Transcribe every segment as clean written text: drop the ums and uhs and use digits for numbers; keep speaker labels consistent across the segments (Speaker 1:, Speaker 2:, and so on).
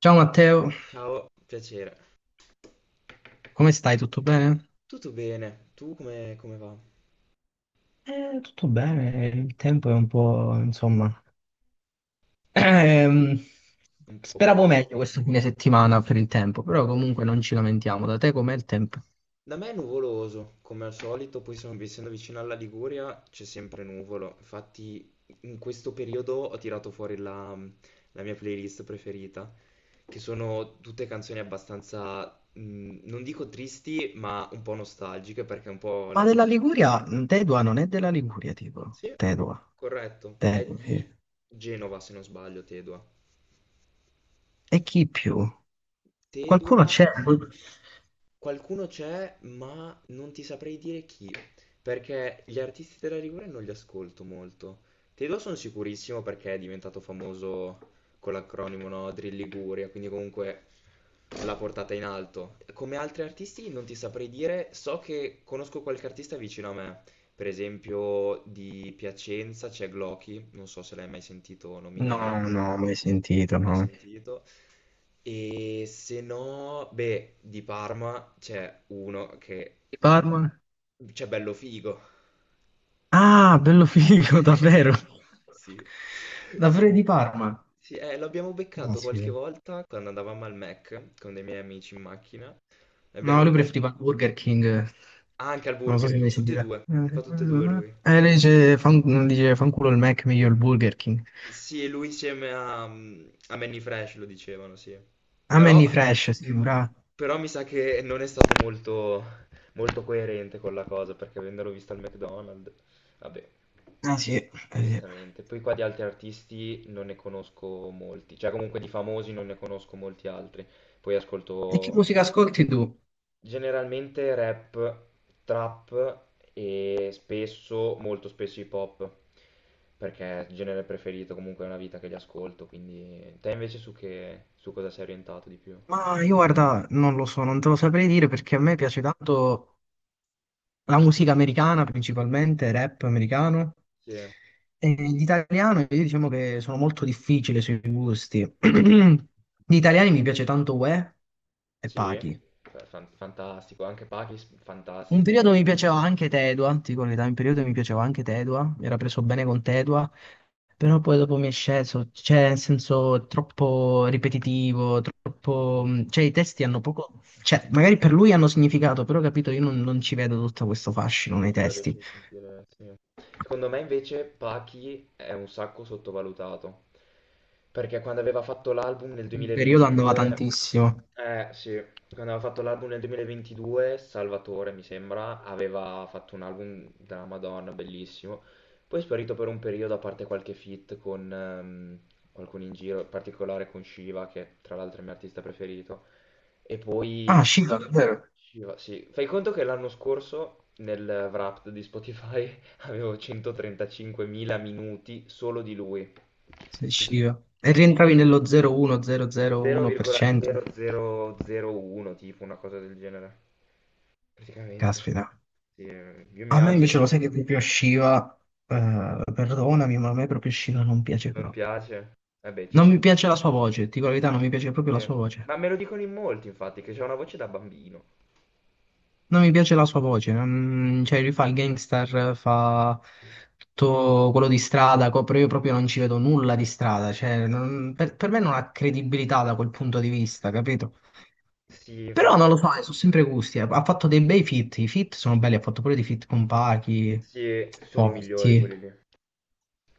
Speaker 1: Ciao Matteo,
Speaker 2: Ciao, piacere.
Speaker 1: come stai? Tutto bene?
Speaker 2: Tutto bene? Tu come va?
Speaker 1: Tutto bene, il tempo è un po', insomma, ehm,
Speaker 2: Un po'
Speaker 1: speravo
Speaker 2: ballerino.
Speaker 1: meglio questo fine settimana per il tempo, però
Speaker 2: Sì.
Speaker 1: comunque non ci lamentiamo. Da te com'è il tempo?
Speaker 2: Da me è nuvoloso, come al solito, poi essendo vicino alla Liguria c'è sempre nuvolo. Infatti in questo periodo ho tirato fuori la mia playlist preferita, che sono tutte canzoni abbastanza, non dico tristi, ma un po' nostalgiche perché è un po'
Speaker 1: Ma della
Speaker 2: l'atmosfera.
Speaker 1: Liguria, Tedua non è della Liguria, tipo.
Speaker 2: Sì,
Speaker 1: Tedua,
Speaker 2: corretto. È
Speaker 1: Tedua, sì.
Speaker 2: di Genova, se non sbaglio, Tedua.
Speaker 1: E chi più? Qualcuno
Speaker 2: Tedua,
Speaker 1: c'è?
Speaker 2: qualcuno c'è, ma non ti saprei dire chi, perché gli artisti della Liguria non li ascolto molto. Tedua sono sicurissimo perché è diventato famoso con l'acronimo, no? Drill Liguria, quindi comunque l'ha portata in alto. Come altri artisti non ti saprei dire, so che conosco qualche artista vicino a me, per esempio di Piacenza c'è Glocky, non so se l'hai mai sentito
Speaker 1: No,
Speaker 2: nominare
Speaker 1: no, mai sentito,
Speaker 2: mai
Speaker 1: no.
Speaker 2: sentito. E se no, beh, di Parma c'è uno che
Speaker 1: Di Parma?
Speaker 2: c'è bello figo.
Speaker 1: Ah, bello figo, davvero.
Speaker 2: Sì,
Speaker 1: Davvero
Speaker 2: sì.
Speaker 1: di Parma.
Speaker 2: Sì, l'abbiamo beccato qualche
Speaker 1: Caspita.
Speaker 2: volta quando andavamo al Mac con dei miei amici in macchina. L'abbiamo
Speaker 1: No, lui
Speaker 2: incontrato
Speaker 1: preferiva Burger King.
Speaker 2: anche al
Speaker 1: Non so
Speaker 2: Burger
Speaker 1: se
Speaker 2: King,
Speaker 1: mi
Speaker 2: tutti e
Speaker 1: sentite.
Speaker 2: due, fa tutte e due lui.
Speaker 1: Lei dice, dice fanculo il Mac, meglio il Burger King.
Speaker 2: Sì, lui insieme a, a Manny Fresh lo dicevano, sì.
Speaker 1: A me
Speaker 2: Però,
Speaker 1: ni fresh, sì, bravo.
Speaker 2: però mi sa che non è stato molto coerente con la cosa, perché avendolo visto al McDonald's, vabbè,
Speaker 1: Ah sì, sì.
Speaker 2: giustamente. Poi qua di altri artisti non ne conosco molti, cioè comunque di famosi non ne conosco molti altri. Poi
Speaker 1: E che
Speaker 2: ascolto
Speaker 1: musica ascolti tu?
Speaker 2: generalmente rap, trap e spesso, molto spesso hip hop, perché è il genere preferito, comunque è una vita che li ascolto, quindi te invece su su cosa sei orientato di più?
Speaker 1: Ma io guarda, non lo so, non te lo saprei dire perché a me piace tanto la musica americana principalmente, rap americano.
Speaker 2: Sì,
Speaker 1: E l'italiano, io diciamo che sono molto difficile sui gusti. Gli italiani mi piace tanto Uè e
Speaker 2: sì,
Speaker 1: Pachi.
Speaker 2: fantastico, anche Pakis,
Speaker 1: Un
Speaker 2: fantastico.
Speaker 1: periodo mi piaceva anche Tedua, ti dico la verità, un periodo mi piaceva
Speaker 2: Sì.
Speaker 1: anche Tedua, mi era preso bene con Tedua, però poi dopo mi è sceso, cioè nel senso troppo ripetitivo, troppo...
Speaker 2: Mhm.
Speaker 1: mm, cioè i testi hanno poco, cioè magari per lui hanno significato, però capito, io non ci vedo tutto questo fascino
Speaker 2: Sì,
Speaker 1: nei
Speaker 2: non riesci
Speaker 1: testi.
Speaker 2: a sentire, sì. Secondo me invece Pachi è un sacco sottovalutato, perché quando aveva fatto l'album nel
Speaker 1: Un periodo andava
Speaker 2: 2022,
Speaker 1: tantissimo.
Speaker 2: eh sì, quando aveva fatto l'album nel 2022, Salvatore mi sembra, aveva fatto un album della Madonna, bellissimo, poi è sparito per un periodo, a parte qualche feat con qualcuno in giro, in particolare con Shiva, che tra l'altro è il mio artista preferito, e
Speaker 1: Ah,
Speaker 2: poi
Speaker 1: Shiva, davvero?
Speaker 2: ci va, sì. Fai conto che l'anno scorso nel Wrapped di Spotify avevo 135.000 minuti solo di lui.
Speaker 1: Sei Shiva. E rientravi nello 0,1, 0,01%.
Speaker 2: 0,0001, tipo una cosa del genere. Praticamente.
Speaker 1: Caspita.
Speaker 2: Sì, io mi
Speaker 1: A me
Speaker 2: alzo e
Speaker 1: invece lo sai
Speaker 2: faccio,
Speaker 1: che proprio Shiva, perdonami, ma a me proprio Shiva non piace
Speaker 2: non
Speaker 1: proprio.
Speaker 2: piace. Vabbè, ci
Speaker 1: Non
Speaker 2: sta.
Speaker 1: mi piace la sua voce, ti dico la verità, non mi piace proprio
Speaker 2: Sì.
Speaker 1: la sua voce.
Speaker 2: Ma me lo dicono in molti, infatti, che c'è una voce da bambino.
Speaker 1: Non mi piace la sua voce, cioè lui fa il gangster, fa
Speaker 2: Sì.
Speaker 1: tutto quello di strada, però io proprio non ci vedo nulla di strada, per me non ha credibilità da quel punto di vista, capito?
Speaker 2: Sì,
Speaker 1: Però
Speaker 2: infatti,
Speaker 1: non lo so, sono sempre gusti, ha fatto dei bei feat, i feat sono belli, ha fatto pure dei feat con Pachi,
Speaker 2: sì, sono i migliori
Speaker 1: forti.
Speaker 2: quelli lì.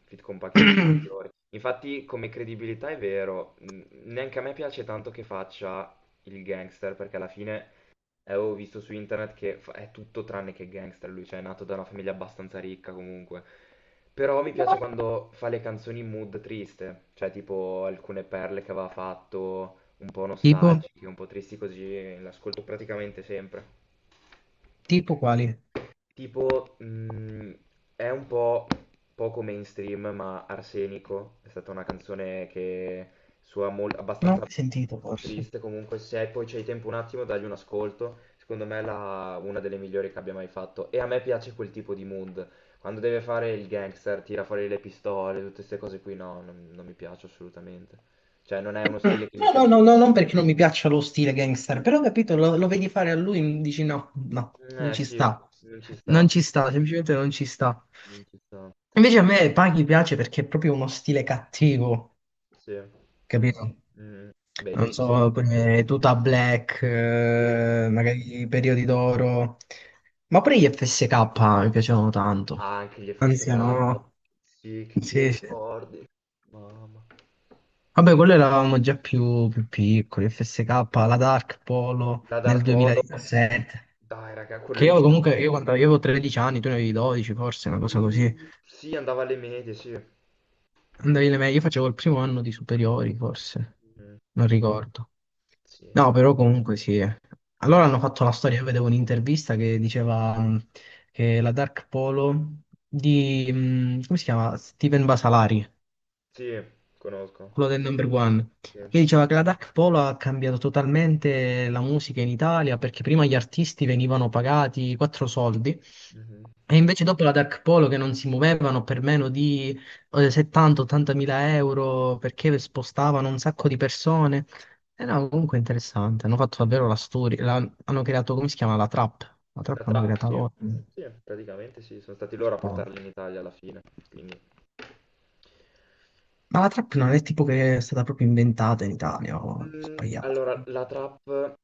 Speaker 2: Fit compacti sono i migliori. Infatti, come credibilità è vero, neanche a me piace tanto che faccia il gangster, perché alla fine avevo visto su internet che è tutto tranne che gangster lui, cioè è nato da una famiglia abbastanza ricca comunque. Però mi piace quando fa le canzoni in mood triste, cioè tipo alcune perle che aveva fatto, un po'
Speaker 1: Tipo?
Speaker 2: nostalgiche, un po' tristi così, l'ascolto praticamente sempre.
Speaker 1: Tipo quali?
Speaker 2: Tipo, è un po' poco mainstream, ma Arsenico è stata una canzone che suona molto
Speaker 1: Non ho mai sentito forse.
Speaker 2: triste. Comunque, se poi c'hai tempo un attimo, dagli un ascolto. Secondo me è una delle migliori che abbia mai fatto. E a me piace quel tipo di mood. Quando deve fare il gangster, tira fuori le pistole, tutte queste cose qui, no, non mi piace assolutamente. Cioè, non è uno stile che gli
Speaker 1: No,
Speaker 2: si
Speaker 1: no, no,
Speaker 2: addice.
Speaker 1: no, non perché non mi piaccia lo stile gangster, però ho capito, lo vedi fare a lui, dici no, no, non
Speaker 2: Eh
Speaker 1: ci
Speaker 2: sì,
Speaker 1: sta.
Speaker 2: non ci
Speaker 1: Non
Speaker 2: sta,
Speaker 1: ci sta, semplicemente non ci sta.
Speaker 2: non ci sta.
Speaker 1: Invece a me Paghi piace perché è proprio uno stile cattivo,
Speaker 2: Sì.
Speaker 1: capito?
Speaker 2: Mm. Beh, lui
Speaker 1: Non
Speaker 2: si sente.
Speaker 1: so, come tuta black,
Speaker 2: Sì.
Speaker 1: magari i periodi d'oro, ma pure gli FSK mi piacevano
Speaker 2: Ah,
Speaker 1: tanto.
Speaker 2: anche gli FSK.
Speaker 1: Anziano,
Speaker 2: Sì, che
Speaker 1: sì, sì.
Speaker 2: ricordi. Mamma.
Speaker 1: Vabbè, quello eravamo già più piccoli, FSK, la Dark Polo
Speaker 2: La Dar
Speaker 1: nel
Speaker 2: Polo.
Speaker 1: 2017.
Speaker 2: Dai, raga, quello
Speaker 1: Che
Speaker 2: lì ci
Speaker 1: io
Speaker 2: sono
Speaker 1: comunque, io quando io
Speaker 2: cresciuti.
Speaker 1: avevo 13 anni, tu ne avevi 12 forse, una cosa così.
Speaker 2: Mm, sì, andava alle medie, sì.
Speaker 1: Andavi alle medie, io facevo il primo anno di superiori forse,
Speaker 2: Mm,
Speaker 1: non ricordo.
Speaker 2: sì.
Speaker 1: No, però comunque sì. Allora
Speaker 2: Cool.
Speaker 1: hanno fatto la storia, io vedevo un'intervista che diceva che la Dark Polo di, come si chiama? Steven Basalari,
Speaker 2: Sì, conosco.
Speaker 1: quello del number one,
Speaker 2: Sì.
Speaker 1: che diceva che la Dark Polo ha cambiato totalmente la musica in Italia perché prima gli artisti venivano pagati quattro soldi
Speaker 2: Mhm.
Speaker 1: e invece dopo la Dark Polo che non si muovevano per meno di 70-80 mila euro perché spostavano un sacco di persone. E no, comunque interessante, hanno fatto davvero la storia, hanno creato, come si chiama, la trap hanno creata
Speaker 2: Sì,
Speaker 1: loro.
Speaker 2: sì, praticamente sì. Sono stati
Speaker 1: Per
Speaker 2: loro a
Speaker 1: poi.
Speaker 2: portarli in Italia alla fine. Quindi…
Speaker 1: Ma la trap non è tipo che è stata proprio inventata in Italia, o è
Speaker 2: Mm,
Speaker 1: sbagliato.
Speaker 2: allora, la trap,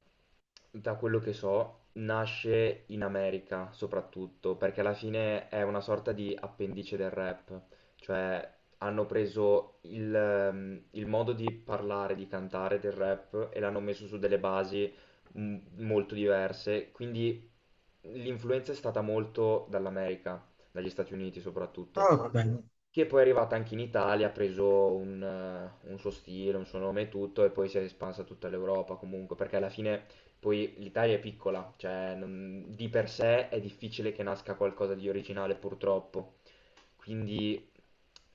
Speaker 2: da quello che so, nasce in America soprattutto, perché alla fine è una sorta di appendice del rap, cioè hanno preso il modo di parlare, di cantare del rap e l'hanno messo su delle basi mm, molto diverse, quindi l'influenza è stata molto dall'America, dagli Stati Uniti soprattutto,
Speaker 1: Però vabbè.
Speaker 2: che poi è arrivata anche in Italia, ha preso un suo stile, un suo nome e tutto, e poi si è espansa a tutta l'Europa comunque, perché alla fine poi l'Italia è piccola, di per sé è difficile che nasca qualcosa di originale purtroppo, quindi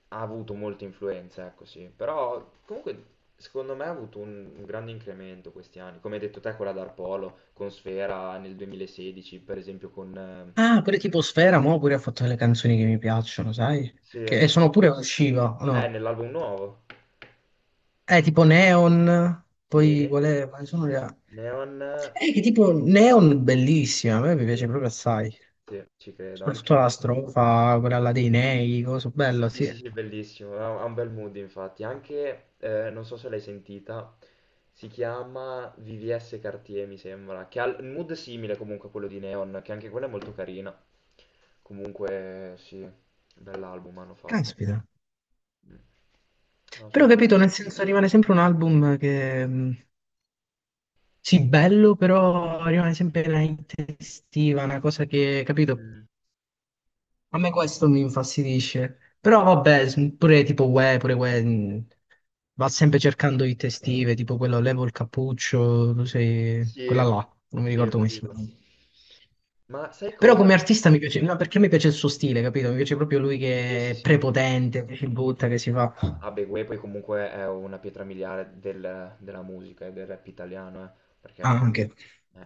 Speaker 2: ha avuto molte influenze, ecco sì, però comunque secondo me ha avuto un grande incremento questi anni, come hai detto te quella Dark Polo, con Sfera nel 2016, per esempio con...
Speaker 1: Ah, pure tipo Sfera, mo pure ha fatto delle canzoni che mi piacciono, sai?
Speaker 2: sì,
Speaker 1: Che e sono pure usciva, o no?
Speaker 2: nell'album nuovo.
Speaker 1: Tipo Neon,
Speaker 2: Sì.
Speaker 1: poi qual è? Quali sono le.
Speaker 2: Neon,
Speaker 1: Che tipo Neon bellissima, a me mi piace
Speaker 2: sì,
Speaker 1: proprio assai.
Speaker 2: sì, ci credo.
Speaker 1: Soprattutto
Speaker 2: Anche,
Speaker 1: la strofa, quella là dei nei, cosa bella,
Speaker 2: sì,
Speaker 1: sì.
Speaker 2: sì, sì, bellissimo, ha un bel mood infatti. Anche, non so se l'hai sentita, si chiama VVS Cartier, mi sembra, che ha un mood simile comunque a quello di Neon, che anche quella è molto carina. Comunque, sì, bell'album hanno fatto.
Speaker 1: Caspita.
Speaker 2: Mm. No, sono
Speaker 1: Però
Speaker 2: qua.
Speaker 1: capito, nel senso rimane sempre un album che, sì, bello, però rimane sempre una estiva, una cosa che, capito?
Speaker 2: Mm,
Speaker 1: A me questo mi infastidisce. Però vabbè, pure tipo Uè, pure Uè, va sempre cercando di testive, tipo quello levo il cappuccio, tu sei, quella
Speaker 2: sì,
Speaker 1: là, non mi
Speaker 2: sì, ho
Speaker 1: ricordo come si
Speaker 2: capito.
Speaker 1: chiama.
Speaker 2: Ma sai
Speaker 1: Però
Speaker 2: cosa?
Speaker 1: come artista mi piace, no, perché mi piace il suo stile, capito? Mi piace proprio lui
Speaker 2: Sì,
Speaker 1: che
Speaker 2: sì,
Speaker 1: è
Speaker 2: sì.
Speaker 1: prepotente, che si butta, che si fa.
Speaker 2: Vabbè, Gue poi comunque è una pietra miliare della musica e del rap italiano,
Speaker 1: Ah,
Speaker 2: perché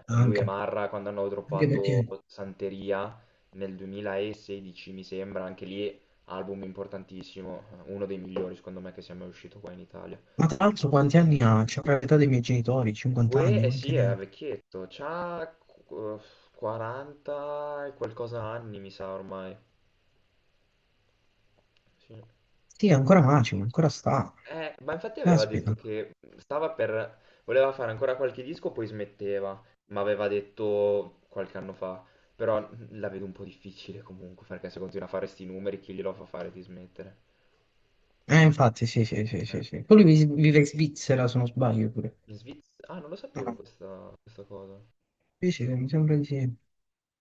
Speaker 2: lui e
Speaker 1: anche,
Speaker 2: Marra quando hanno
Speaker 1: anche
Speaker 2: droppato
Speaker 1: perché.
Speaker 2: Santeria nel 2016, mi sembra, anche lì album importantissimo, uno dei migliori secondo me che sia mai uscito qua in Italia.
Speaker 1: Ma tra l'altro quanti anni ha? C'è l'età dei miei genitori, 50
Speaker 2: Gue,
Speaker 1: anni,
Speaker 2: eh
Speaker 1: quanti
Speaker 2: sì,
Speaker 1: ne
Speaker 2: è
Speaker 1: ha?
Speaker 2: vecchietto, c'ha 40 e qualcosa anni, mi sa ormai. Sì.
Speaker 1: Sì, ancora macimo, ancora sta.
Speaker 2: Ma infatti aveva detto
Speaker 1: Caspita.
Speaker 2: che stava per... voleva fare ancora qualche disco, poi smetteva, ma aveva detto qualche anno fa. Però la vedo un po' difficile comunque, perché se continua a fare sti numeri, chi glielo fa fare di smettere?
Speaker 1: Infatti, sì, sì, sì,
Speaker 2: Eh.
Speaker 1: sì, sì. Poi lui vive in Svizzera, se non sbaglio, pure.
Speaker 2: In Svizzera... Ah, non lo sapevo
Speaker 1: Ah,
Speaker 2: questa, questa cosa.
Speaker 1: sì, sì, mi sembra di sì.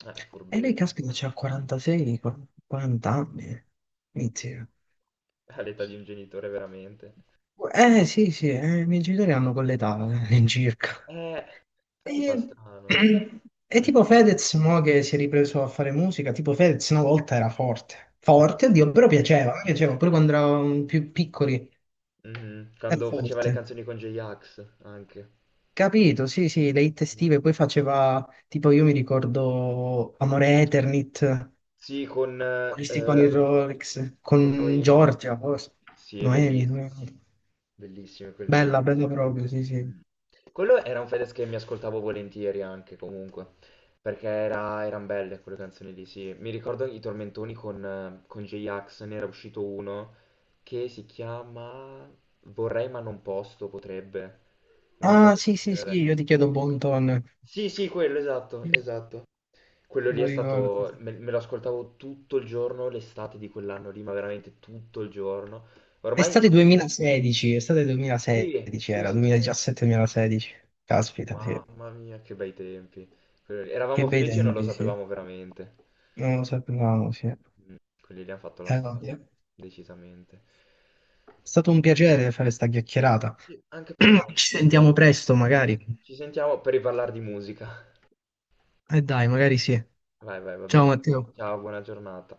Speaker 2: È
Speaker 1: E lei,
Speaker 2: furbetto.
Speaker 1: caspita, c'ha 46, 40 anni. Inizia.
Speaker 2: All'età di un genitore, veramente.
Speaker 1: Sì, sì, i miei genitori hanno quell'età, all'incirca.
Speaker 2: Eh,
Speaker 1: E,
Speaker 2: infatti fa strano.
Speaker 1: e
Speaker 2: Perché-
Speaker 1: tipo Fedez, mo che si è ripreso a fare musica, tipo Fedez una volta era forte. Forte,
Speaker 2: Sì.
Speaker 1: oddio, però piaceva, a me piaceva, pure quando eravamo più piccoli.
Speaker 2: Mhm.
Speaker 1: È
Speaker 2: Quando faceva le
Speaker 1: forte.
Speaker 2: canzoni con J-Ax, anche.
Speaker 1: Capito, sì, sì, le hit
Speaker 2: Sì.
Speaker 1: estive, poi faceva, tipo io mi ricordo Amore Eternit,
Speaker 2: Sì,
Speaker 1: Moristi con il Rolex,
Speaker 2: con
Speaker 1: con
Speaker 2: Noemi.
Speaker 1: Giorgia, forse,
Speaker 2: Sì, è
Speaker 1: Noemi,
Speaker 2: bellissimo.
Speaker 1: Noemi.
Speaker 2: Bellissime quelle lì.
Speaker 1: Bella, bella proprio, sì, sì.
Speaker 2: Mm. Quello era un Fedez che mi ascoltavo volentieri anche comunque, perché erano belle quelle canzoni lì, sì. Mi ricordo i tormentoni con J-Ax, ne era uscito uno che si chiama Vorrei ma non posso, potrebbe, una
Speaker 1: Ah,
Speaker 2: cosa del
Speaker 1: sì, sì,
Speaker 2: genere.
Speaker 1: sì, io ti chiedo Bonton,
Speaker 2: Sì, sì, quello, esatto, esatto. Quello lì
Speaker 1: non
Speaker 2: è
Speaker 1: ricordo.
Speaker 2: stato, me lo ascoltavo tutto il giorno, l'estate di quell'anno lì, ma veramente tutto il giorno. Ormai,
Speaker 1: Estate
Speaker 2: sì,
Speaker 1: 2016, estate
Speaker 2: sì,
Speaker 1: 2016
Speaker 2: sì,
Speaker 1: era,
Speaker 2: sì. Sì.
Speaker 1: 2017-2016, caspita, sì.
Speaker 2: Mamma mia, che bei tempi. Quelli-
Speaker 1: Che
Speaker 2: eravamo
Speaker 1: bei
Speaker 2: felici e non lo
Speaker 1: tempi, sì.
Speaker 2: sapevamo veramente.
Speaker 1: Non lo sapevamo, sì.
Speaker 2: Mm, quelli lì hanno fatto la storia,
Speaker 1: Vabbè. È
Speaker 2: decisamente.
Speaker 1: stato un piacere fare sta chiacchierata.
Speaker 2: Sì, anche per me.
Speaker 1: Ci sentiamo presto,
Speaker 2: A posto.
Speaker 1: magari.
Speaker 2: Ci sentiamo per riparlare di musica.
Speaker 1: E dai, magari sì.
Speaker 2: Vai, vai, va
Speaker 1: Ciao
Speaker 2: bene.
Speaker 1: Matteo.
Speaker 2: Ciao, buona giornata.